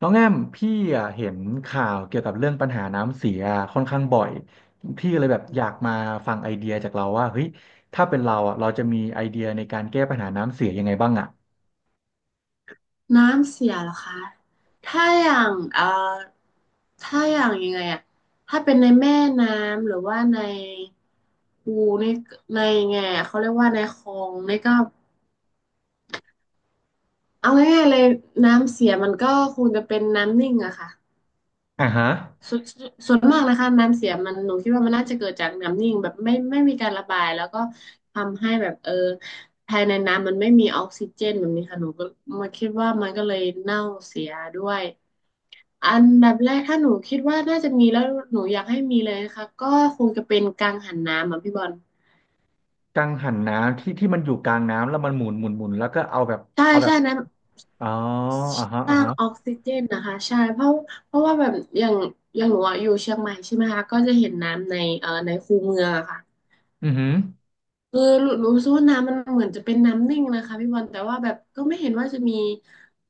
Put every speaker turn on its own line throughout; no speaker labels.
น้องแอมพี่อะเห็นข่าวเกี่ยวกับเรื่องปัญหาน้ำเสียค่อนข้างบ่อยพี่ก็เลยแบบอยากมาฟังไอเดียจากเราว่าเฮ้ยถ้าเป็นเราอ่ะเราจะมีไอเดียในการแก้ปัญหาน้ำเสียยังไงบ้างอ่ะ
น้ำเสียเหรอคะถ้าอย่างถ้าอย่างยังไงอะถ้าเป็นในแม่น้ำหรือว่าในคูในในงไงอะเขาเรียกว่าในคลองในก็เอาง่ายๆเลยน้ำเสียมันก็คงจะเป็นน้ำนิ่งอะค่ะ
อ่าฮะ
ส่วนส่วนมากนะคะน้ำเสียมันหนูคิดว่ามันน่าจะเกิดจากน้ำนิ่งแบบไม่มีการระบายแล้วก็ทำให้แบบภายในน้ำมันไม่มีออกซิเจนแบบนี้ค่ะหนูก็มาคิดว่ามันก็เลยเน่าเสียด้วย อันดับแรกถ้าหนูคิดว่าน่าจะมีแล้วหนูอยากให้มีเลยนะคะก็คงจะเป็นกังหันน้ำอ่ะพี่บอล
กังหันน้ำที่มันอยู่กลางน้ำแล้วมันหมุนหมุนหมุนแล้วก็เอาแบบ
ใช่
เอาแบ
ใช่
บ
นั้น
อ๋ออ่าฮะ
ส
อ่า
ร้าง
ฮะ
ออกซิเจนนะคะใช่เพราะเพราะว่าแบบอย่างอย่างหนูอะอยู่เชียงใหม่ใช่ไหมคะก็จะเห็นน้ำในในคูเมืองอะค่ะ
อือหือ
เออรู้สึกว่าน้ำมันเหมือนจะเป็นน้ำนิ่งนะคะพี่บอลแต่ว่าแบบก็ไม่เห็นว่าจะมี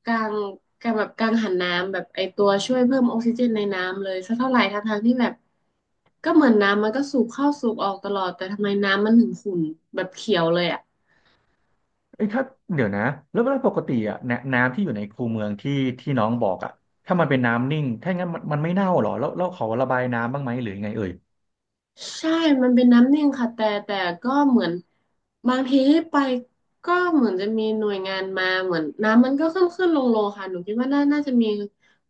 กางกางหันน้ำแบบไอตัวช่วยเพิ่มออกซิเจนในน้ำเลยสักเท่าไหร่ทั้งทางที่แบบก็เหมือนน้ำมันก็สูบเข้าสูบออกตลอดแต่ทำไมน้ำมันถึงขุ่นแบบเขียวเลยอ่ะ
ไอ้ยถ้าเดี๋ยวนะแล้วเวลาปกติอ่ะนน้ำที่อยู่ในคูเมืองที่ที่น้องบอกอ่ะถ้ามันเป็นน้ำนิ่งถ้างั้นมันไม่เน่าหรอแล้วแล้วเขาระบายน้ำบ้างไหมหรือยังไงเอ่ย
ใช่มันเป็นน้ำนิ่งค่ะแต่ก็เหมือนบางทีไปก็เหมือนจะมีหน่วยงานมาเหมือนน้ำมันก็ขึ้นขึ้นลงลงค่ะหนูคิดว่าน่าจะมี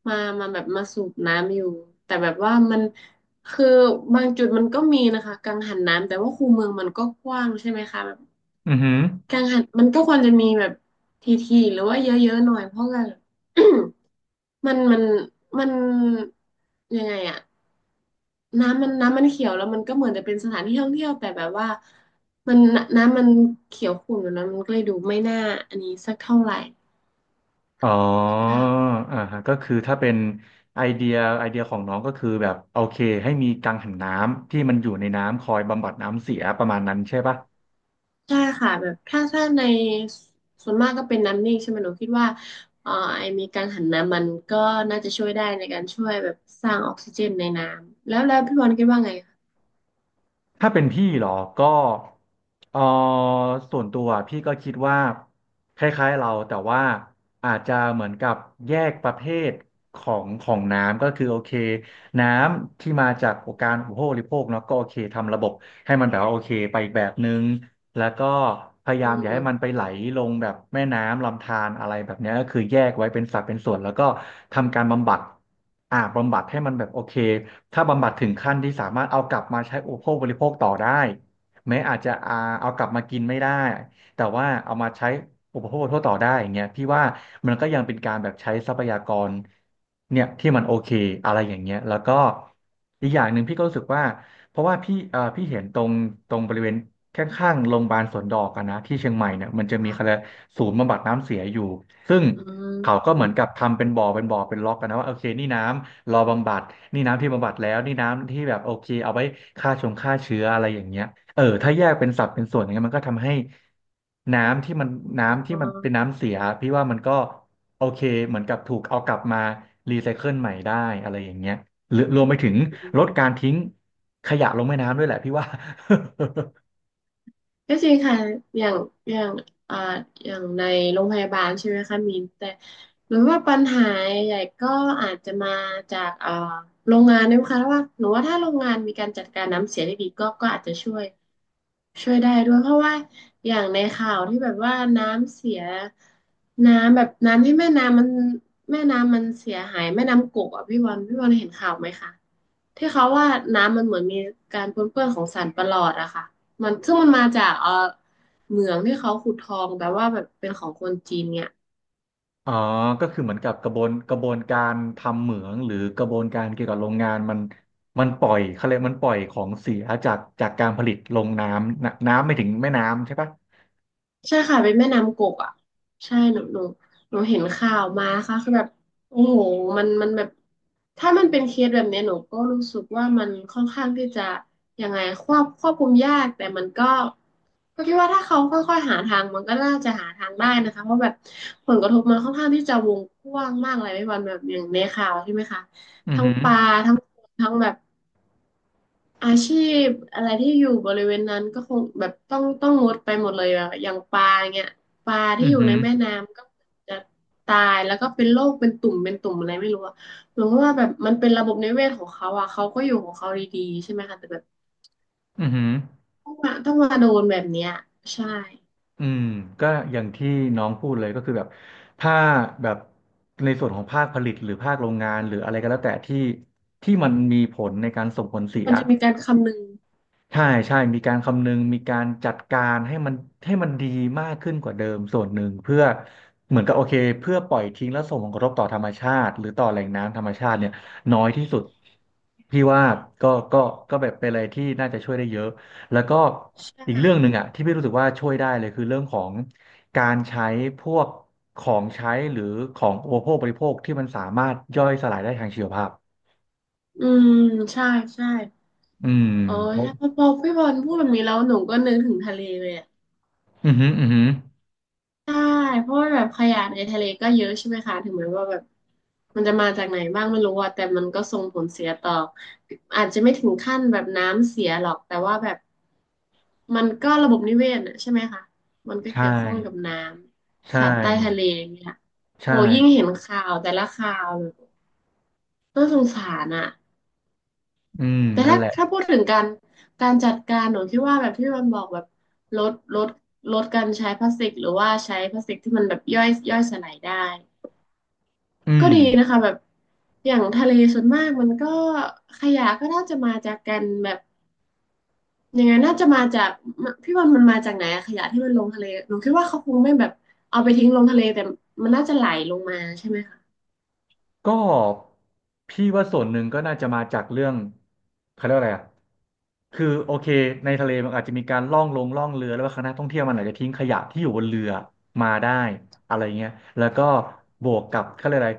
มามาแบบมาสูบน้ำอยู่แต่แบบว่ามันคือบางจุดมันก็มีนะคะกังหันน้ำแต่ว่าคูเมืองมันก็กว้างใช่ไหมคะ
อือหือ
กังหันมันก็ควรจะมีแบบทีๆหรือว่าเยอะๆหน่อยเพราะว่า มันมันมันยังไงอะน้ำมันน้ำมันเขียวแล้วมันก็เหมือนจะเป็นสถานที่ท่องเที่ยวแต่แบบว่ามันน้ำมันเขียวขุ่นอยู่นะมันก็เลยดูไม่น่าอันนี้สักเท่าไหร่
อ๋อ
ค่ะ
อ่าฮะก็คือถ้าเป็นไอเดียไอเดียของน้องก็คือแบบโอเคให้มีกังหันน้ำที่มันอยู่ในน้ำคอยบำบัดน้ำเสียประมาณนั้นใช่ปะ
ใช่ค่ะแบบถ้าในส่วนมากก็เป็นน้ำนิ่งใช่ไหมหนูคิดว่าเอ่อไอมีกังหันน้ำมันก็น่าจะช่วยได้ในการช่วยแบบสร้างออกซิเจนในน้ำแล้วพี่บอลคิดว่าไง
ถ้าเป็นพี่เหรอก็เออส่วนตัวพี่ก็คิดว่าคล้ายๆเราแต่ว่าอาจจะเหมือนกับแยกประเภทของของน้ำก็คือโอเคน้ำที่มาจากการอุปโภคบริโภคเนาะก็โอเคทำระบบให้มันแบบว่าโอเคไปอีกแบบนึง แล้วก็พยา
อื
ยามอย่าให้มัน
ม
ไปไหลลงแบบแม่น้ำลำธารอะไรแบบเนี้ยก็คือแยกไว้เป็นสัดเป็นส่วนแล้วก็ทำการบำบัดอ่าบำบัดให้มันแบบโอเค ถ้าบำบัดถึงขั้นที่สามารถเอากลับมาใช้อุปโภคบริโภคต่อได้แม้อาจจะอาเอากลับมากินไม่ได้แต่ว่าเอามาใช้อุปโภคบริโภคต่อได้อย่างเงี้ยพี่ว่ามันก็ยังเป็นการแบบใช้ทรัพยากรเนี่ยที่มันโอเคอะไรอย่างเงี้ยแล้วก็อีกอย่างหนึ่งพี่ก็รู้สึกว่าเพราะว่าพี่พี่เห็นตรงตรงบริเวณข้างๆโรงพยาบาลสวนดอกอะนะที่เชียงใหม่เนี่ยมันจะมีเขาเรีย
ค่ะ
กศูนย์บำบัดน้ำเสียอยู่ซึ่ง
อื
เขาก็เหมือนกับ
ม
ทำเป็นบ่อเป็นบ่อเป็นล็อกกันนะว่าโอเคนี่น้ำรอบำบัดนี่น้ำที่บำบัดแล้วนี่น้ำที่แบบโอเคเอาไว้ฆ่าชงฆ่าเชื้ออะไรอย่างเงี้ยเออถ้าแยกเป็นสัดเป็นส่วนอย่างเงี้ยมันก็ทำให้น้ำที่มันน้ำที่
อ๋
มันเป็น
อ
น้ำเสียพี่ว่ามันก็โอเคเหมือนกับถูก เอากลับมารีไซเคิลใหม่ได้อะไรอย่างเงี้ยหรือรวมไปถึงลดการทิ้งขยะลงแม่น้ำด้วยแหละพี่ว่า
ก็จริงค่ะอย่างอย่างอ่าอย่างในโรงพยาบาลใช่ไหมคะมีนแต่หรือว่าปัญหาใหญ่ก็อาจจะมาจากโรงงานด้วยค่ะว่าหนูว่าถ้าโรงงานมีการจัดการน้ำเสียได้ดีก็อาจจะช่วยได้ด้วยเพราะว่าอย่างในข่าวที่แบบว่าน้ำเสียน้ำแบบน้ำที่แม่น้ำมันแม่น้ำมันเสียหายแม่น้ำกกอ่ะพี่วันเห็นข่าวไหมคะที่เขาว่าน้ำมันเหมือนมีการปนเปื้อนของสารประหลอดอะค่ะมันซึ่งมันมาจากเหมืองที่เขาขุดทองแบบว่าแบบเป็นของคนจีนเนี่ย
อ๋อก็คือเหมือนกับกระบวนกระบวนการทำเหมืองหรือกระบวนการเกี่ยวกับโรงงานมันปล่อยเขาเรียกมันปล่อยของเสียจากจากการผลิตลงน้ำนะน้ำไม่ถึงแม่น้ำใช่ปะ
ใช่ค่ะเป็นแม่น้ำกกอ่ะใช่หนูเห็นข่าวมาค่ะคือแบบโอ้โหมันแบบถ้ามันเป็นเคสแบบเนี้ยหนูก็รู้สึกว่ามันค่อนข้างที่จะยังไงควบคุมยากแต่มันก็ก็คิดว่าถ้าเขาค่อยๆหาทางมันก็น่าจะหาทางได้นะคะเพราะแบบผลกระทบมันค่อนข้างที่จะวงกว้างมากเลยไม่วันแบบอย่างในข่าวใช่ไหมคะ
อือ
ทั้ง
หือ
ปลาทั้งคนทั้งแบบ อาชีพอะไรที่อยู่บริเวณนั้นก็คงแบบต้องงดไปหมดเลยอะอย่างปลาเงี้ยปลาที่
อือ
อยู่
หื
ใน
อ
แม่น้ำก็จะตายแล้วก็เป็นโรคเป็นตุ่มอะไรไม่รู้อะหนูว่าแบบมันเป็นระบบนิเวศของเขาอะเขาก็อยู่ของเขาดีๆใช่ไหมคะแต่แบบ
อือหือ
ต้องมาโดนแบบเนี้ยใช่
อืมก็อย่างที่น้องพูดเลยก็คือแบบถ้าแบบในส่วนของภาคผลิตหรือภาคโรงงานหรืออะไรก็แล้วแต่ที่ที่มันมีผลในการส่งผลเสีย
มันจะมีการคำนึง
ใช่ใช่มีการคำนึงมีการจัดการให้มันให้มันดีมากขึ้นกว่าเดิมส่วนหนึ่งเพื่อเหมือนกับโอเคเพื่อปล่อยทิ้งและส่งผลกระทบต่อธรรมชาติหรือต่อแหล่งน้ำธรรมชาติเนี่ยน้อยที่สุดพี่ว่าก็ก็ก็แบบเป็นอะไรที่น่าจะช่วยได้เยอะแล้วก็
ใช่
อีกเรื่องหนึ่งอ่ะที่พี่รู้สึกว่าช่วยได้เลยคือเรื่องของการใช้พวกของใช้หรือของอุปโภคบริโภคที่มันสามารถย่อยสลายได้ทางชีวภาพ
อืมใช่ใช่
อืม
อ๋อ
เพราะ
ใช่พอพี่บอลพูดแบบนี้แล้วหนูก็นึกถึงทะเลเลยอะ
อือหืออือหือ
ใช่เพราะว่าแบบขยะในทะเลก็เยอะใช่ไหมคะถึงแม้ว่าแบบมันจะมาจากไหนบ้างไม่รู้อะแต่มันก็ส่งผลเสียต่ออาจจะไม่ถึงขั้นแบบน้ำเสียหรอกแต่ว่าแบบมันก็ระบบนิเวศอะใช่ไหมคะมันก็เกี่
ใช่
ยวข้องกับน้ำ
ใช่
สัตว์ใต้ทะเลอย่างเนี่ย
ใช่
โอ้ยิ่งเห็นข่าวแต่ละข่าวแบบน่าสงสารอะ
อืม
แต่
นั่น
ถ้า
แหละ
ถ้าพูดถึงการจัดการหนูคิดว่าแบบที่มันบอกแบบลดลดลดการใช้พลาสติกหรือว่าใช้พลาสติกที่มันแบบย่อยสลายได้
อื
ก็
ม
ดีนะคะแบบอย่างทะเลส่วนมากมันก็ขยะก็น่าจะมาจากกันแบบยังไงน่าจะมาจากพี่วันมันมาจากไหนอะขยะที่มันลงทะเลหนูคิดว่าเขาคงไม่แบบเอาไปทิ้งลงทะเลแต่มันน่าจะไหลลงมาใช่ไหมคะ
ก็พี่ว่าส่วนหนึ่งก็น่าจะมาจากเรื่องเขาเรียกว่าอะไรอ่ะคือโอเคในทะเลมันอาจจะมีการล่องลงล่องเรือแล้วว่าคณะท่องเที่ยวมันอาจจะทิ้งขยะที่อยู่บนเรือมาได้อะไรเงี้ยแล้วก็บวกกับเขาเรียกอะไร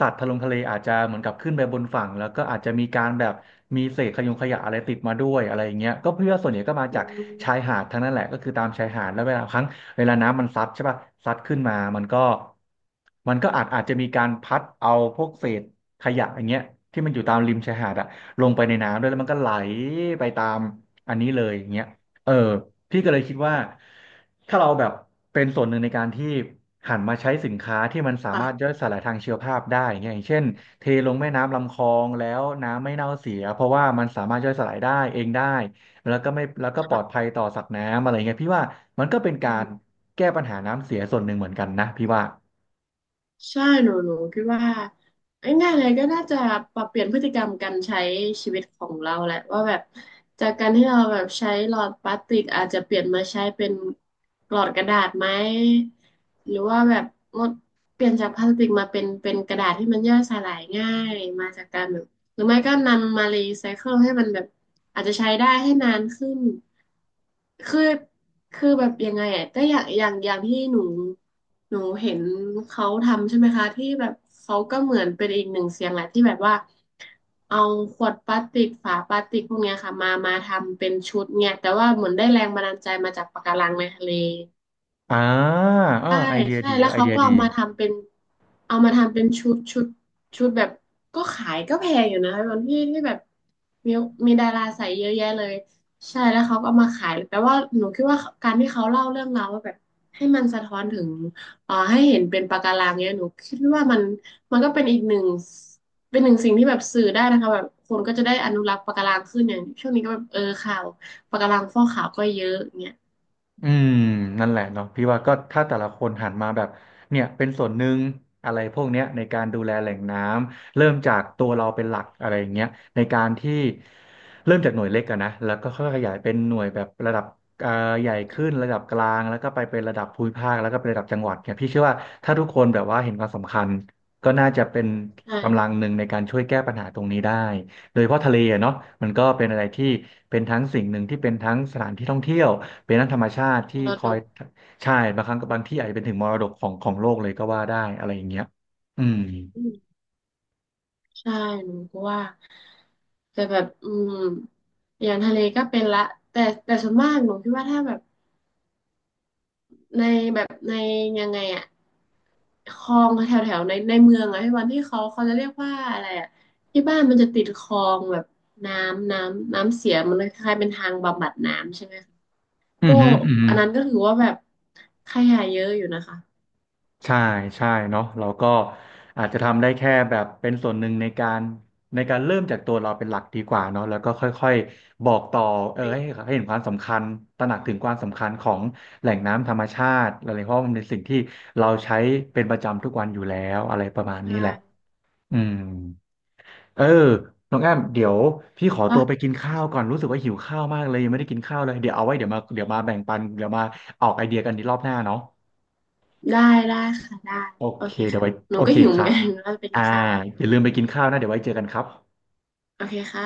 สัตว์ทะลงทะเลอาจจะเหมือนกับขึ้นไปบนฝั่งแล้วก็อาจจะมีการแบบมีเศษขยงขยะอะไรติดมาด้วยอะไรเงี้ยก็เพื่อส่วนใหญ่ก็มา
อื
จากชาย
ม
หาดทั้งนั้นแหละก็คือตามชายหาดแล้วเวลาครั้ง เวลาน้ำมันซัดใช่ป่ะซัดขึ้นมามันก็มันก็อาจจะมีการพัดเอาพวกเศษขยะอย่างเงี้ยที่มันอยู่ตามริมชายหาดอะลงไปในน้ำด้วยแล้วมันก็ไหลไปตามอันนี้เลยอย่างเงี้ยเออพี่ก็เลยคิดว่าถ้าเราแบบเป็นส่วนหนึ่งในการที่หันมาใช้สินค้าที่มันสามารถ
ค่ะ
ย่อยสลายทางชีวภาพได้อย่างเงี้ยอย่างเช่นเทลงแม่น้ำลำคลองแล้วน้ำไม่เน่าเสียเพราะว่ามันสามารถย่อยสลายได้เองได้ แล้วก็ไม่แล้วก็ปลอด
ค่
ภัยต่อสัตว์น้ำอะไรเงี้ยพี่ว่า มันก็เป็นการ
ะ
แก้ปัญหาน้ำเสียส่วนหนึ่งเหมือนกันนะพี่ว่า
ใช่หนูคิดว่าง่ายๆเลยก็น่าจะปรับเปลี่ยนพฤติกรรมการใช้ชีวิตของเราแหละว่าแบบจากการที่เราแบบใช้หลอดพลาสติกอาจจะเปลี่ยนมาใช้เป็นหลอดกระดาษไหมหรือว่าแบบงดเปลี่ยนจากพลาสติกมาเป็นกระดาษที่มันย่อยสลายง่ายมาจากการแบบ หรือไม่ก็นำมารีไซเคิลให้มันแบบอาจจะใช้ได้ให้นานขึ้น คือคือแบบยังไงอ่ะก็อย่างที่หนูเห็นเขาทำใช่ไหมคะที่แบบเขาก็เหมือนเป็นอีกหนึ่งเสียงแหละที่แบบว่าเอาขวดพลาสติกฝาพลาสติกพวกเนี้ยค่ะมาทำเป็นชุดเนี่ยแต่ว่าเหมือนได้แรงบันดาลใจมาจากปะการังในทะเล
อ่าอ่า
ใช่
ไอเดีย
ใช่
ดีค
แล้
รับ
ว
ไอ
เขา
เดีย
ก็
ดี
เอามาทำเป็นเอามาทำเป็นชุดแบบก็ขายก็แพงอยู่นะตอนที่แบบมีมีดาราใส่เยอะแยะเลยใช่แล้วเขาก็เอามาขายแต่ว่าหนูคิดว่าการที่เขาเล่าเรื่องราวว่าแบบให้มันสะท้อนถึงให้เห็นเป็นปะการังเนี่ยหนูคิดว่ามันก็เป็นอีกหนึ่งเป็นหนึ่งสิ่งที่แบบสื่อได้นะคะแบบคนก็จะได้อนุรักษ์ปะการังขึ้นอย่างช่วงนี้ก็แบบเออข่าวปะการังฟอกขาวก็เยอะเงี้ย
อืมนั่นแหละเนาะพี่ว่าก็ถ้าแต่ละคนหันมาแบบเนี่ยเป็นส่วนหนึ่งอะไรพวกเนี้ยในการดูแลแหล่งน้ำเริ่มจากตัวเราเป็นหลักอะไรอย่างเงี้ยในการที่เริ่มจากหน่วยเล็กอะนะแล้วก็ค่อยๆขยายเป็นหน่วยแบบระดับเอ่อใหญ่ขึ้นระดับกลางแล้วก็ไปเป็นระดับภูมิภาคแล้วก็เป็นระดับจังหวัดเนี่ยพี่เชื่อว่าถ้าทุกคนแบบว่าเห็นความสำคัญก็น่าจะเป็น
ใช่
กำลังหนึ่งในการช่วยแก้ปัญหาตรงนี้ได้ โดยเฉพาะทะเลอะเนาะมันก็เป็นอะไรที่เป็นทั้งสิ่งหนึ่งที่เป็นทั้งสถานที่ท่องเที่ยวเป็นทั้งธรรมชาติ
ม
ที่
ร
ค
ด
อย
ก
ใช่บางครั้งกับบางที่อาจจะเป็นถึงมรดกของโลกเลยก็ว่าได้อะไรอย่างเงี้ยอืม
ใช่หนูก็ว่าแต่แบบอืมอย่างทะเลก็เป็นละแต่แต่ส่วนมากหนูคิดว่าถ้าแบบในแบบในยังไงอะคลองแถวแถวในเมืองอะพี่วันที่เขาจะเรียกว่าอะไรอะที่บ้านมันจะติดคลองแบบน้ำเสียมันเลยคล้ายๆเป็นทางบำบัดน้ำใช่ไหมคะพ
อืมอ
ว
หื
ก
มออือหื
อั
อ
นนั้นก็ถือว่าแบบขยะเยอะอยู่นะคะ
ใช่ใช่เนาะเราก็อาจจะทำได้แค่แบบเป็นส่วนหนึ่งในการเริ่มจากตัวเราเป็นหลักดีกว่าเนาะแล้วก็ค่อยๆบอกต่อเออ
เป็น
ให้เห็นความสำคัญตระหนักถึงความสำคัญของแหล่งน้ำธรรมชาติอะไรเพราะมันเป็นสิ่งที่เราใช้เป็นประจำทุกวันอยู่แล้วอะไรประมาณนี้
ใช่
แหละอืมเออน้องแอมเดี๋ยวพี่ขอ
อ่ะ
ตัวไปกินข้าวก่อนรู้สึกว่าหิวข้าวมากเลยยังไม่ได้กินข้าวเลยเดี๋ยวเอาไว้เดี๋ยวมาแบ่งปันเดี๋ยวมาออกไอเดียกันในรอบหน้าเนาะ
ได้ได้ค่ะได้
โอ
โอ
เค
เค
เดี๋ยว
ค่ะ
ไว้
หนู
โอ
ก็
เค
หิวเหมือ
ค่ะ
นกัน ว่าจะไปกิ
อ่า
นข้าว
อย่าลืมไปกินข้าวนะเดี๋ยวไว้เจอกันครับ
โอเคค่ะ